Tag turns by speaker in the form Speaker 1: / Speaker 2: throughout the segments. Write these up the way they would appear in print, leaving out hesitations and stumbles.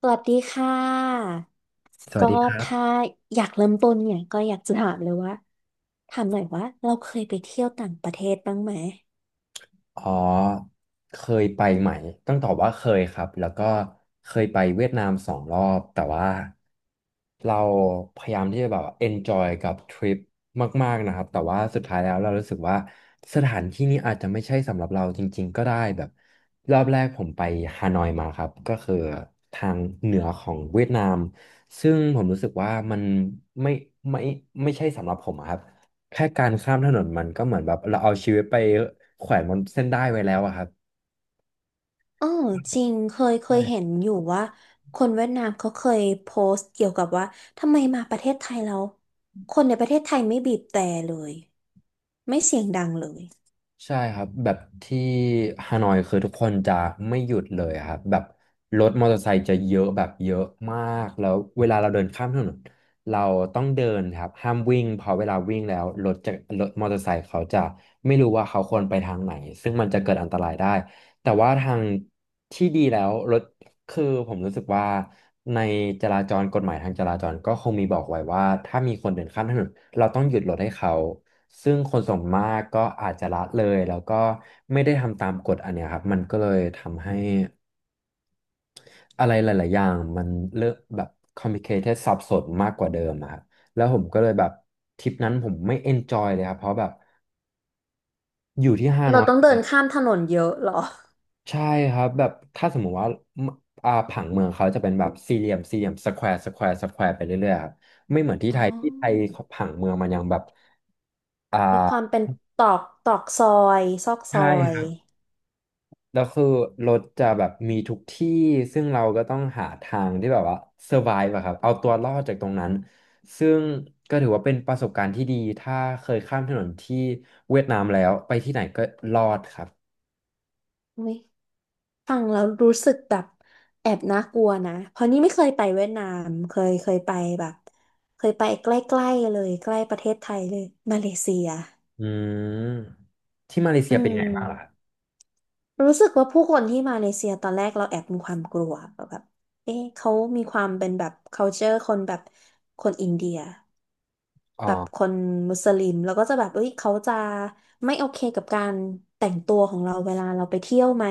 Speaker 1: สวัสดีค่ะ
Speaker 2: สวั
Speaker 1: ก็
Speaker 2: สดีครับ
Speaker 1: ถ้าอยากเริ่มต้นเนี่ยก็อยากจะถามเลยว่าถามหน่อยว่าเราเคยไปเที่ยวต่างประเทศบ้างไหม
Speaker 2: อ๋อเคยไปไหมต้องตอบว่าเคยครับ แล้วก็เคยไปเวียดนาม2 รอบ แต่ว่าเราพยายามที่จะแบบ enjoy กับทริปมากๆนะครับแต่ว่าสุดท้ายแล้วเรารู้สึกว่าสถานที่นี้อาจจะไม่ใช่สำหรับเราจริงๆก็ได้แบบรอบแรกผมไปฮานอยมาครับก็คือทางเหนือของเวียดนามซึ่งผมรู้สึกว่ามันไม่ไม่ไม่ใช่สำหรับผมอะครับ แค่การข้ามถนนมันก็เหมือนแบบเราเอาชีวิตไปแขวนบนเส้นได้ไว้แล้วอะครับ
Speaker 1: อ๋อจริงเคยเห็น
Speaker 2: ใช่
Speaker 1: อยู่ว่าคนเวียดนามเขาเคยโพสต์เกี่ยวกับว่าทำไมมาประเทศไทยเราคนในประเทศไทยไม่บีบแตรเลยไม่เสียงดังเลย
Speaker 2: ใช่ครับแบบที่ฮานอยคือทุกคนจะไม่หยุดเลยอะครับแบบรถมอเตอร์ไซค์จะเยอะแบบเยอะมากแล้วเวลาเราเดินข้ามถนนเราต้องเดินครับห้ามวิ่งเพราะเวลาวิ่งแล้วรถมอเตอร์ไซค์เขาจะไม่รู้ว่าเขาควรไปทางไหนซึ่งมันจะเกิดอันตรายได้แต่ว่าทางที่ดีแล้วรถ คือผมรู้สึกว่าในจราจรกฎหมายทางจราจรก็คงมีบอกไว้ว่าถ้ามีคนเดินข้ามถนนเราต้องหยุดรถให้เขาซึ่งคนส่วนมากก็อาจจะละเลยแล้วก็ไม่ได้ทำตามกฎอันเนี้ยครับมันก็เลยทำให้อะไรหลายๆอย่างมันเลอะแบบ complicated สับสนมากกว่าเดิมอะครับแล้วผมก็เลยแบบทริปนั้นผมไม่ enjoy เลยครับเพราะแบบอยู่ที่ฮาน
Speaker 1: เรา
Speaker 2: อ
Speaker 1: ต้อง
Speaker 2: ย
Speaker 1: เดินข้ามถนนเยอะเหรอ
Speaker 2: ใช่ครับแบบถ้าสมมุติว่ามอ่าผังเมืองเขาจะเป็นแบบสี่เหลี่ยมสี่เหลี่ยมสแควร์สแควร์สแควร์ไปเรื่อยๆครับไม่เหมือนที่
Speaker 1: อ๋
Speaker 2: ไท
Speaker 1: อ
Speaker 2: ยที่ไทยเขาผังเมืองมันยังแบบอ่
Speaker 1: มีความ
Speaker 2: า
Speaker 1: เป็นตอกตอกซอยซอกซอ
Speaker 2: ใช่ค
Speaker 1: ย
Speaker 2: รับแล้วคือรถจะแบบมีทุกที่ซึ่งเราก็ต้องหาทางที่แบบว่า survive อะครับเอาตัวรอดจากตรงนั้นซึ่งก็ถือว่าเป็นประสบการณ์ที่ดีถ้าเคยข้ามถนนที่เวียดนามแล้วไปที่ไหนก็รอดครับ
Speaker 1: อุ๊ย ฟังแล้วรู้สึกแบบแอบน่ากลัวนะเพราะนี่ไม่เคยไปเวียดนามเคยไปแบบเคยไปใกล้ๆเลยใกล้ประเทศไทยเลยมาเลเซีย
Speaker 2: อืมที่มาเลเซี
Speaker 1: อื
Speaker 2: ยเป็นไงบ้างล่ะครับ
Speaker 1: มรู้สึกว่าผู้คนที่มาเลเซียตอนแรกเราแอบมีความกลัวแบบเอ๊ะเขามีความเป็นแบบ culture คนแบบคนอินเดีย
Speaker 2: อ๋อ
Speaker 1: แบบคนมุสลิมแล้วก็จะแบบเอ้ยเขาจะไม่โอเคกับการแต่งตัวของเราเวลาเราไปเที่ยวไหม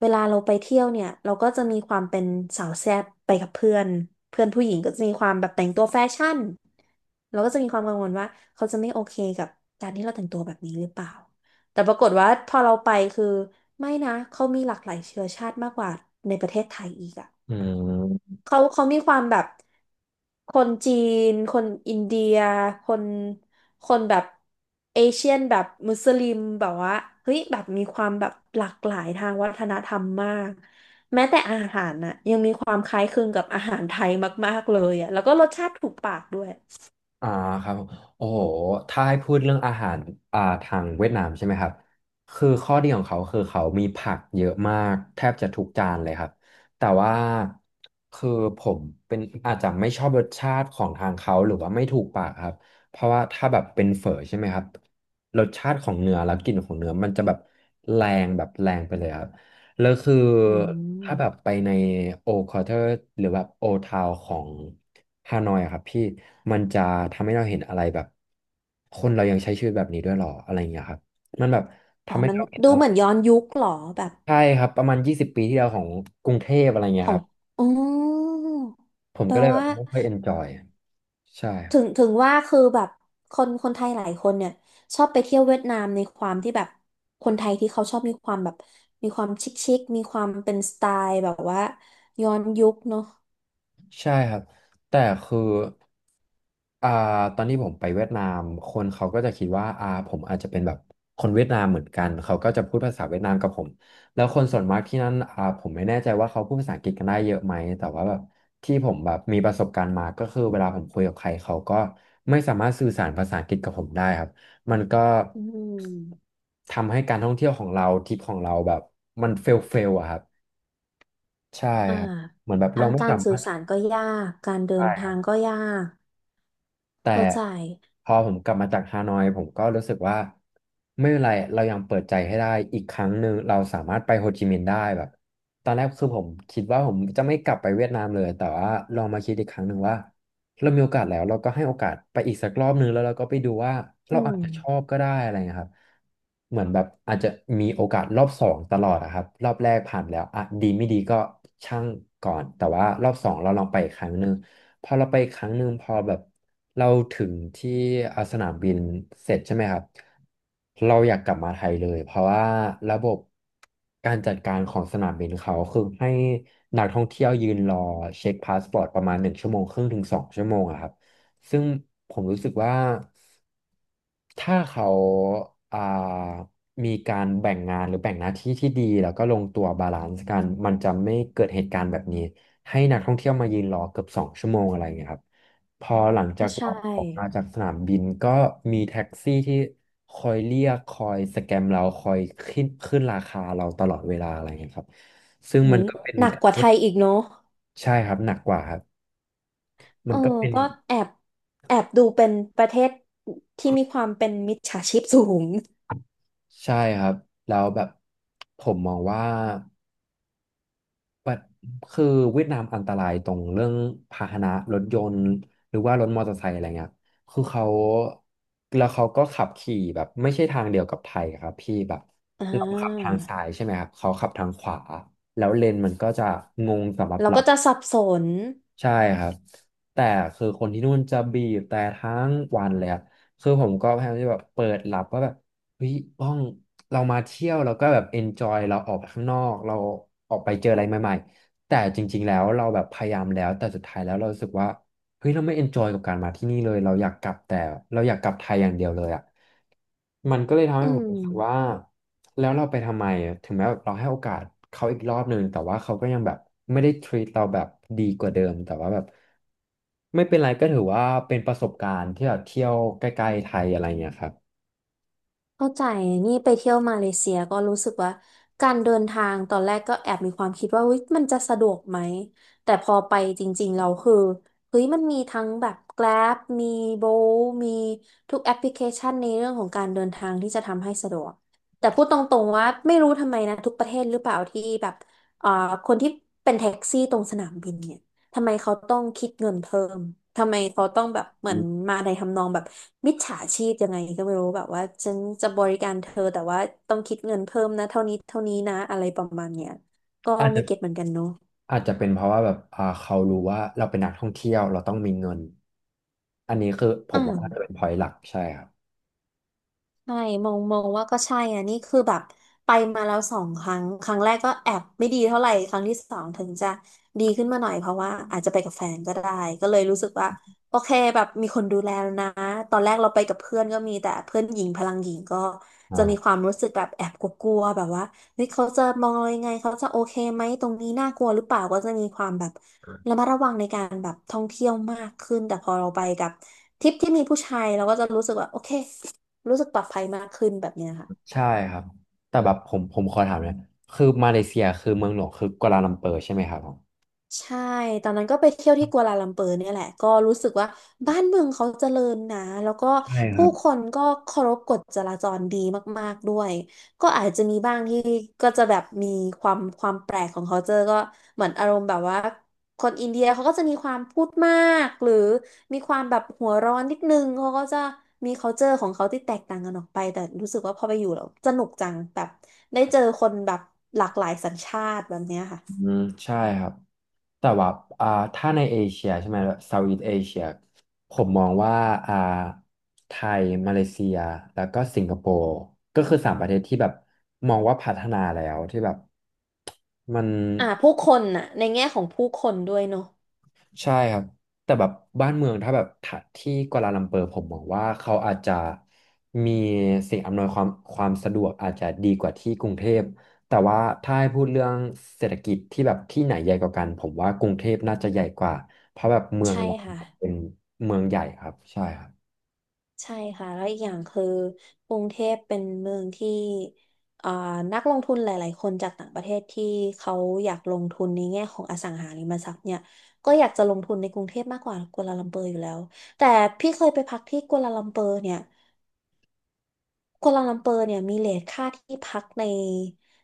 Speaker 1: เวลาเราไปเที่ยวเนี่ยเราก็จะมีความเป็นสาวแซ่บไปกับเพื่อนเพื่อนผู้หญิงก็จะมีความแบบแต่งตัวแฟชั่นเราก็จะมีความกังวลว่าเขาจะไม่โอเคกับการที่เราแต่งตัวแบบนี้หรือเปล่าแต่ปรากฏว่าพอเราไปคือไม่นะเขามีหลากหลายเชื้อชาติมากกว่าในประเทศไทยอีกอะ
Speaker 2: อืม
Speaker 1: เขาเขามีความแบบคนจีนคนอินเดียคนคนแบบเอเชียนแบบมุสลิมแบบว่าเฮ้ยแบบมีความแบบหลากหลายทางวัฒนธรรมมากแม้แต่อาหารน่ะยังมีความคล้ายคลึงกับอาหารไทยมากๆเลยอ่ะแล้วก็รสชาติถูกปากด้วย
Speaker 2: อ่าครับผมโอ้โหถ้าให้พูดเรื่องอาหารทางเวียดนามใช่ไหมครับคือข้อดีของเขาคือเขามีผักเยอะมากแทบจะทุกจานเลยครับ แต่ว่าคือผมเป็นอาจจะไม่ชอบรสชาติของทางเขาหรือว่าไม่ถูกปากครับ เพราะว่าถ้าแบบเป็นเฝอใช่ไหมครับรสชาติของเนื้อแล้วกลิ่นของเนื้อมันจะแบบแรงแบบแรงไปเลยครับ แล้วคือ
Speaker 1: อื
Speaker 2: ถ้าแบบ
Speaker 1: ม
Speaker 2: ไปในโอคอเทอร์หรือแบบโอทาวของฮานอยอะครับพี่มันจะทำให้เราเห็นอะไรแบบคนเรายังใช้ชีวิตแบบนี้ด้วยหรออะไรอย่างเงี้ยครับมันแบบ
Speaker 1: อ๋อ
Speaker 2: ทำให้
Speaker 1: มัน
Speaker 2: เราเห็น
Speaker 1: ดู
Speaker 2: อะไร
Speaker 1: เหมือนย้อนยุคเหรอแบบ
Speaker 2: ใช่ครับประมาณ20 ปีที่แล้วของกรุงเทพอะไรเงี้
Speaker 1: ข
Speaker 2: ย
Speaker 1: อ
Speaker 2: ค
Speaker 1: ง
Speaker 2: รับ
Speaker 1: อ๋อ
Speaker 2: ผม
Speaker 1: แปล
Speaker 2: ก็เลยแบ
Speaker 1: ว่า
Speaker 2: บไม่ค่อยเอนจอยใช่
Speaker 1: ถึงว่าคือแบบคนไทยหลายคนเนี่ยชอบไปเที่ยวเวียดนามในความที่แบบคนไทยที่เขาชอบมีความแบบมีความชิคชิคมีความเป็นสไตล์แบบว่าย้อนยุคเนาะ
Speaker 2: ใช่ครับแต่คืออ่าตอนที่ผมไปเวียดนามคนเขาก็จะคิดว่าผมอาจจะเป็นแบบคนเวียดนามเหมือนกันเขาก็จะพูดภาษาเวียดนามกับผมแล้วคนส่วนมากที่นั่นผมไม่แน่ใจว่าเขาพูดภาษาอังกฤษกันได้เยอะไหมแต่ว่าแบบที่ผมแบบมีประสบการณ์มาก็คือเวลาผมคุยกับใครเขาก็ไม่สามารถสื่อสารภาษาอังกฤษกับผมได้ครับมันก็
Speaker 1: อืม
Speaker 2: ทำให้การท่องเที่ยวของเราทริปของเราแบบมันเฟลเฟลอะครับใช่
Speaker 1: อ่า
Speaker 2: ครับเหมือนแบบ
Speaker 1: ทา
Speaker 2: เรา
Speaker 1: ง
Speaker 2: ไม่
Speaker 1: กา
Speaker 2: สา
Speaker 1: รสื่
Speaker 2: มา
Speaker 1: อ
Speaker 2: รถ
Speaker 1: สารก็ยากการเดิ
Speaker 2: ใช่
Speaker 1: น
Speaker 2: ค
Speaker 1: ทา
Speaker 2: รับ
Speaker 1: งก็ยาก
Speaker 2: แต่
Speaker 1: เข้าใจ
Speaker 2: พอผมกลับมาจากฮานอยผมก็รู้สึกว่าไม่เป็นไรเรายังเปิดใจให้ได้อีกครั้งหนึ่งเราสามารถไปโฮจิมินห์ได้แบบตอนแรกคือผมคิดว่าผมจะไม่กลับไปเวียดนามเลยแต่ว่าลองมาคิดอีกครั้งหนึ่งว่าเรามีโอกาสแล้วเราก็ให้โอกาสไปอีกสักรอบหนึ่งแล้วเราก็ไปดูว่า
Speaker 1: อื
Speaker 2: เราอาจ
Speaker 1: ม
Speaker 2: จะชอบก็ได้อะไรเงี้ยครับเหมือนแบบอาจจะมีโอกาสรอบสองตลอดอะครับรอบแรกผ่านแล้วอ่ะดีไม่ดีก็ช่างก่อนแต่ว่ารอบสองเราลองไปอีกครั้งหนึ่ง พอเราไปครั้งหนึ่งพอแบบเราถึงที่สนามบินเสร็จใช่ไหมครับเราอยากกลับมาไทยเลยเพราะว่าระบบการจัดการของสนามบินเขาคือให้นักท่องเที่ยวยืนรอเช็คพาสปอร์ตประมาณ1 ชั่วโมงครึ่งถึง2 ชั่วโมงอะครับซึ่งผมรู้สึกว่า ถ้าเขาอ่ามีการแบ่งงานหรือแบ่งหน้าที่ที่ดีแล้วก็ลงตัวบาลานซ์กันมันจะไม่เกิดเหตุการณ์แบบนี้ให้นักท่องเที่ยวมายืนรอเกือบสองชั่วโมงอะไรอย่างเงี้ยครับพอหลังจา
Speaker 1: ก็
Speaker 2: กอ
Speaker 1: ใช่
Speaker 2: อกออกมาจากสนามบินก็มีแท็กซี่ที่คอยเรียกคอยสแกมเราคอยขึ้นราคาเราตลอดเวลาอะไรอย่างเงี้ยครับซึ่ง
Speaker 1: อุ
Speaker 2: มัน
Speaker 1: ย
Speaker 2: ก็เป็น
Speaker 1: หนักกว่าไทยอีกเนาะ
Speaker 2: ใช่ครับหนักกว่าครับ
Speaker 1: เอ
Speaker 2: มั
Speaker 1: อ
Speaker 2: นก็เป็น
Speaker 1: ก็แอบแอบดูเป็นประเทศที่มีความเป็นมิจฉาชีพสูง
Speaker 2: ใช่ครับแล้วแบบผมมองว่า แบบคือเวียดนามอันตรายตรงเรื่องพาหนะรถยนต์หรือว่ารถมอเตอร์ไซค์อะไรเงี้ยคือเขาแล้วเขาก็ขับขี่แบบไม่ใช่ทางเดียวกับไทยครับพี่แบบ
Speaker 1: อ่
Speaker 2: เราขับทางซ้า
Speaker 1: า
Speaker 2: ยใช่ไหมครับเขาขับทางขวาแล้วเลนมันก็จะงงสำหรับ
Speaker 1: เรา
Speaker 2: เรา
Speaker 1: ก็จะสับสน
Speaker 2: ใช่ครับแต่คือคนที่นู่นจะบีบแต่ทั้งวันเลยครับคือผมก็พยายามที่แบบเปิดหลับว่าแบบเฮ้ยบ้องเรามาเที่ยวเราก็แบบเอนจอยเราออกไปข้างนอกเราออกไปเจออะไรใหม่ๆแต่จริงๆแล้วเราแบบพยายามแล้วแต่สุดท้ายแล้วเรารู้สึกว่าเฮ้ยเราไม่เอนจอยกับการมาที่นี่เลยเราอยากกลับแต่เราอยากกลับไทยอย่างเดียวเลยอะ มันก็เลยทำ
Speaker 1: อื
Speaker 2: ให้ผม
Speaker 1: ม
Speaker 2: รู้สึกว่าแล้วเราไปทำไมอะถึงแม้แบบเราให้โอกาสเขาอีกรอบหนึ่งแต่ว่าเขาก็ยังแบบไม่ได้ treat เราแบบดีกว่าเดิมแต่ว่าแบบไม่เป็นไรก็ถือว่าเป็นประสบการณ์ที่แบบเที่ยวใกล้ๆไทยอะไรเงี้ยครับ
Speaker 1: เข้าใจ นี่ไปเที่ยวมาเลเซียก็รู้สึกว่าการเดินทางตอนแรกก็แอบมีความคิดว่าเฮ้ยมันจะสะดวกไหม แต่พอไปจริงๆเราคือเฮ้ยมันมีทั้งแบบ Grab มี Bolt มีทุกแอปพลิเคชันในเรื่องของการเดินทางที่จะทำให้สะดวก แต่พูดตรงๆว่าไม่รู้ทำไมนะทุกประเทศหรือเปล่าที่แบบเอ่อคนที่เป็นแท็กซี่ตรงสนามบินเนี่ย ทำไมเขาต้องคิดเงินเพิ่มทำไมเขาต้องแบบเหมื
Speaker 2: อื
Speaker 1: อน
Speaker 2: ม
Speaker 1: มาในทำนองแบบมิจฉาชีพยังไงก็ไม่รู้แบบว่าฉันจะบริการเธอแต่ว่าต้องคิดเงินเพิ่มนะเท่านี้เท่านี้นะอะไรประมาณเนี้ยก็
Speaker 2: อาจ
Speaker 1: ไม่
Speaker 2: จะ
Speaker 1: เก็ตเหมือนกันเนาะ
Speaker 2: อาจจะเป็นเพราะว่าแบบเขารู้ว่าเราเป็นนักท่องเที่ยวเราต้องมีเงินอันนี้คือผ
Speaker 1: อื
Speaker 2: ม
Speaker 1: ม
Speaker 2: ว่าน่าจะเป็น point หลักใช่ครับ
Speaker 1: ใช่มองว่าก็ใช่อ่ะนี่คือแบบไปมาแล้วสองครั้ง ครั้งแรกก็แอบไม่ดีเท่าไหร่ครั้งที่สองถึงจะ ดีขึ้นมาหน่อย เพราะว่า อาจจะไปกับแฟนก็ได้ ก็เลยรู้สึกว่า โอเค แบบ มีคนดูแลแล้วนะ ตอนแรกเราไปกับเพื่อนก็มี แต่เพื่อนหญิง พลังหญิงก็
Speaker 2: อ่า
Speaker 1: จะมีความรู้สึกแบบแอบกลัวๆแบบว่าเฮ้ยเขาจะมองเรายังไงเขาจะโอเคไหมตรงนี้น่ากลัวหรือเปล่าก็จะมีความแบบระมัดระวังในการแบบท่องเที่ยวมากขึ้นแต่พอเราไปกับทริปที่มีผู้ชายเราก็จะรู้สึกว่าโอเค รู้สึกปลอดภัยมากขึ้นแบบเนี้ยค่ะ
Speaker 2: ใช่ครับแต่แบบผมขอถามเนี่อยคือมาเลเซียคือเมืองหลวงคือกวาลาลัมเปอร์ใช่ไหมครับผม
Speaker 1: ใช่ ตอนนั้นก็ไปเที่ยวที่กัวลาลัมเปอร์เนี่ยแหละก็รู้สึกว่าบ้านเมืองเขาเจริญนะแล้วก็
Speaker 2: ใช่ค
Speaker 1: ผู้
Speaker 2: รับ
Speaker 1: คนก็เคารพกฎจราจรดีมากๆด้วยก็อาจจะมีบ้างที่ก็จะแบบมีความความแปลกของเขาเจอก็เหมือนอารมณ์แบบว่าคนอินเดียเขาก็จะมีความพูดมากหรือมีความแบบหัวร้อนนิดนึงเขาก็จะมี culture ของเขาที่แตกต่างกันออกไปแต่รู้สึกว่าพอไปอยู่แล้วสนุกจังแบบได้เจอคนแบบหลากหลายสัญชาติแบบเนี้ยค่ะ
Speaker 2: อืมใช่ครับ แต่ว่าอ่าถ้าในเอเชียใช่ไหมเซาท์อีสเอเชียผมมองว่าอ่าไทยมาเลเซียแล้วก็สิงคโปร์ก็คือสามประเทศที่แบบมองว่าพัฒนาแล้วที่แบบมัน
Speaker 1: อ่าผู้คนน่ะในแง่ของผู้คนด้วยเนาะ
Speaker 2: ใช่ครับแต่แบบบ้านเมืองถ้าแบบถ้าที่กัวลาลัมเปอร์ผมมองว่าเขาอาจจะมีสิ่งอำนวยความความสะดวกอาจจะดีกว่าที่กรุงเทพแต่ว่าถ้าให้พูดเรื่องเศรษฐกิจที่แบบที่ไหนใหญ่กว่ากันผมว่ากรุงเทพน่าจะใหญ่กว่าเพราะแบบเมือง
Speaker 1: ใช่
Speaker 2: เรา
Speaker 1: ค่ะ
Speaker 2: เป็นเมืองใหญ่ครับใช่ครับ
Speaker 1: ใช่ค่ะแล้วอีกอย่างคือกรุงเทพเป็นเมืองที่อ่านักลงทุนหลายๆคนจากต่างประเทศที่เขาอยากลงทุนในแง่ของอสังหาริมทรัพย์เนี่ยก็อยากจะลงทุนในกรุงเทพมากกว่ากัวลาลัมเปอร์อยู่แล้วแต่พี่เคยไปพักที่กัวลาลัมเปอร์เนี่ยกัวลาลัมเปอร์เนี่ยมีเรทค่าที่พักใน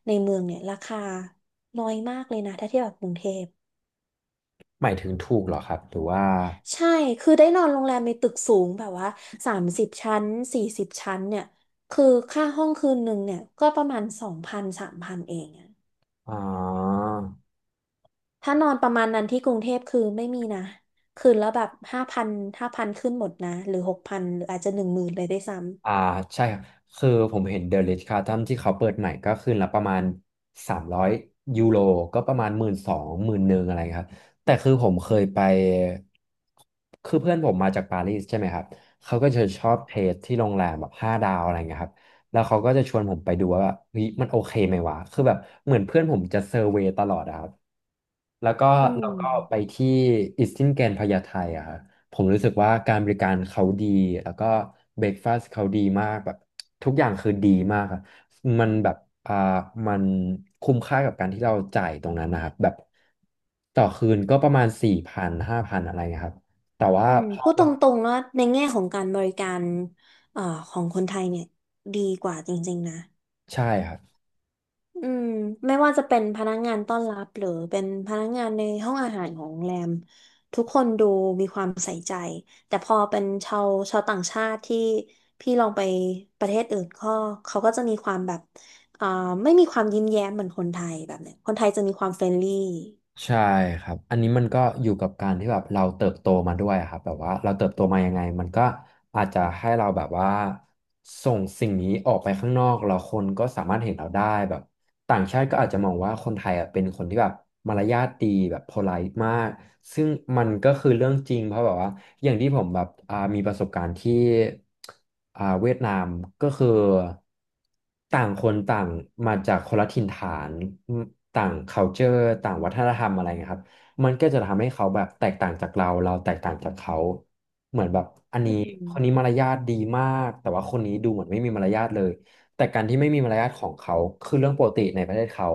Speaker 1: ในเมืองเนี่ยราคาน้อยมากเลยนะถ้าเทียบกับกรุงเทพ
Speaker 2: หมายถึงถูกเหรอครับหรือว่า
Speaker 1: ใช่ คือได้นอนโรงแรมในตึกสูงแบบว่า30 ชั้น40 ชั้นเนี่ย คือค่าห้องคืนหนึ่งเนี่ยก็ประมาณ2,0003,000เองอะ
Speaker 2: อ๋อ
Speaker 1: ถ้านอนประมาณนั้นที่กรุงเทพคือไม่มีนะ คืนแล้วแบบห้าพันขึ้นหมดนะหรือ6,000หรืออาจจะ10,000เลยได้วยซ้
Speaker 2: อ่าใช่ครับคือผมเห็นเด e r i ิชค a r ์ตันที่เขาเปิดใหม่ก็คืนละประมาณ300ยยูโรก็ประมาณหมื่นสองหมื่นหนึ่งอะไรครับแต่คือผมเคยไปคือเพื่อนผมมาจากปารีสใช่ไหมครับเขาก็จะชอบเทสที่โรงแรมแบบห้าดาวอะไรเงี้ยครับแล้วเขาก็จะชวนผมไปดูว่าแบบเฮ้ยมันโอเคไหมวะคือแบบเหมือนเพื่อนผมจะเซอร์เวย์ตลอดอะครับแล้วก็
Speaker 1: ำ อื
Speaker 2: เรา
Speaker 1: ม
Speaker 2: ก็ไปที่อิสตินแกนพญาไทอะครับ ผมรู้สึกว่าการบริการเขาดี แล้วก็เบรกฟาสต์เขาดีมากแบบทุกอย่างคือดีมากครับมันแบบอ่ามันคุ้มค่ากับการที่เราจ่ายตรงนั้นนะครับแบบต่อคืนก็ประมาณสี่พันห้าพันอะไรเงี้ยครับแต่ว่า
Speaker 1: อืม
Speaker 2: พอ
Speaker 1: พูดต
Speaker 2: เรา
Speaker 1: รงๆแล้วในแง่ของการบริการเอ่อของคนไทยเนี่ยดีกว่าจริงๆนะ
Speaker 2: ใช่ครับ
Speaker 1: อืมไม่ว่าจะเป็นพนักงานต้อนรับหรือเป็นพนักงานในห้องอาหารของโรงแรมทุกคนดูมีความใส่ใจแต่พอเป็นชาวต่างชาติที่พี่ลองไปประเทศอื่นก็เขาก็จะมีความแบบอ่าไม่มีความยิ้มแย้มเหมือนคนไทยแบบเนี้ยคนไทยจะมีความเฟรนลี่
Speaker 2: ใช่ครับอันนี้มันก็อยู่กับการที่แบบเราเติบโตมาด้วยอะครับแบบว่าเราเติบโตมายังไงมันก็อาจจะให้เราแบบว่าส่งสิ่งนี้ออกไปข้างนอกแล้วคนก็สามารถเห็นเราได้แบบต่างชาติก็อาจจะมองว่าคนไทยอ่ะเป็นคนที่แบบมารยาทดีแบบโพไลต์มากซึ่งมันก็คือเรื่องจริงเพราะแบบว่าอย่างที่ผมแบบมีประสบการณ์ที่เวียดนามก็คือ ต่างคนต่างมาจากคนละถิ่นฐานอืมต่าง culture ต่างวัฒนธรรมอะไรเงี้ยครับมันก็จะทำให้เขาแบบแตกต่างจากเราเราแตกต่างจากเขาเหมือนแบบอัน
Speaker 1: อื
Speaker 2: นี้คนนี้
Speaker 1: ม
Speaker 2: มารยาทดีมากแต่ว่าคนนี้ดูเหมือนไม่มีมารยาทเลยแต่การที่ไม่มีมารยาทของเขาคือเรื่องปกติในประเทศเขา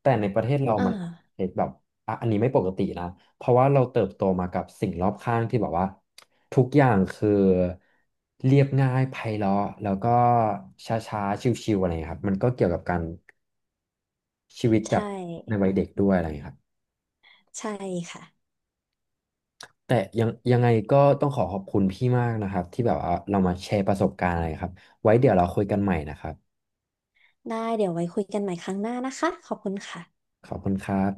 Speaker 2: แต่ในประเทศเรา
Speaker 1: อ
Speaker 2: มัน
Speaker 1: ่า
Speaker 2: เห็นแบบอ่ะอันนี้ไม่ปกตินะ เพราะว่าเราเติบโตมากับสิ่งรอบข้างที่แบบว่าทุกอย่างคือเรียบง่ายไพเราะแล้วก็ช้าๆชิวๆอะไรอย่างเงี้ยครับมันก็เกี่ยวกับการชีวิตแบ
Speaker 1: ใช่
Speaker 2: บในวัยเด็กด้วยอะไรอย่างเงี้ยครับ
Speaker 1: ใช่ค่ะ
Speaker 2: แต่ยังไงก็ต้องขอบคุณพี่มากนะครับที่แบบว่าเรามาแชร์ประสบการณ์อะไรครับไว้เดี๋ยวเราคุยกันใหม่นะครับ
Speaker 1: ได้เดี๋ยวไว้คุยกันใหม่ครั้งหน้านะคะขอบคุณค่ะ
Speaker 2: ขอบคุณครับ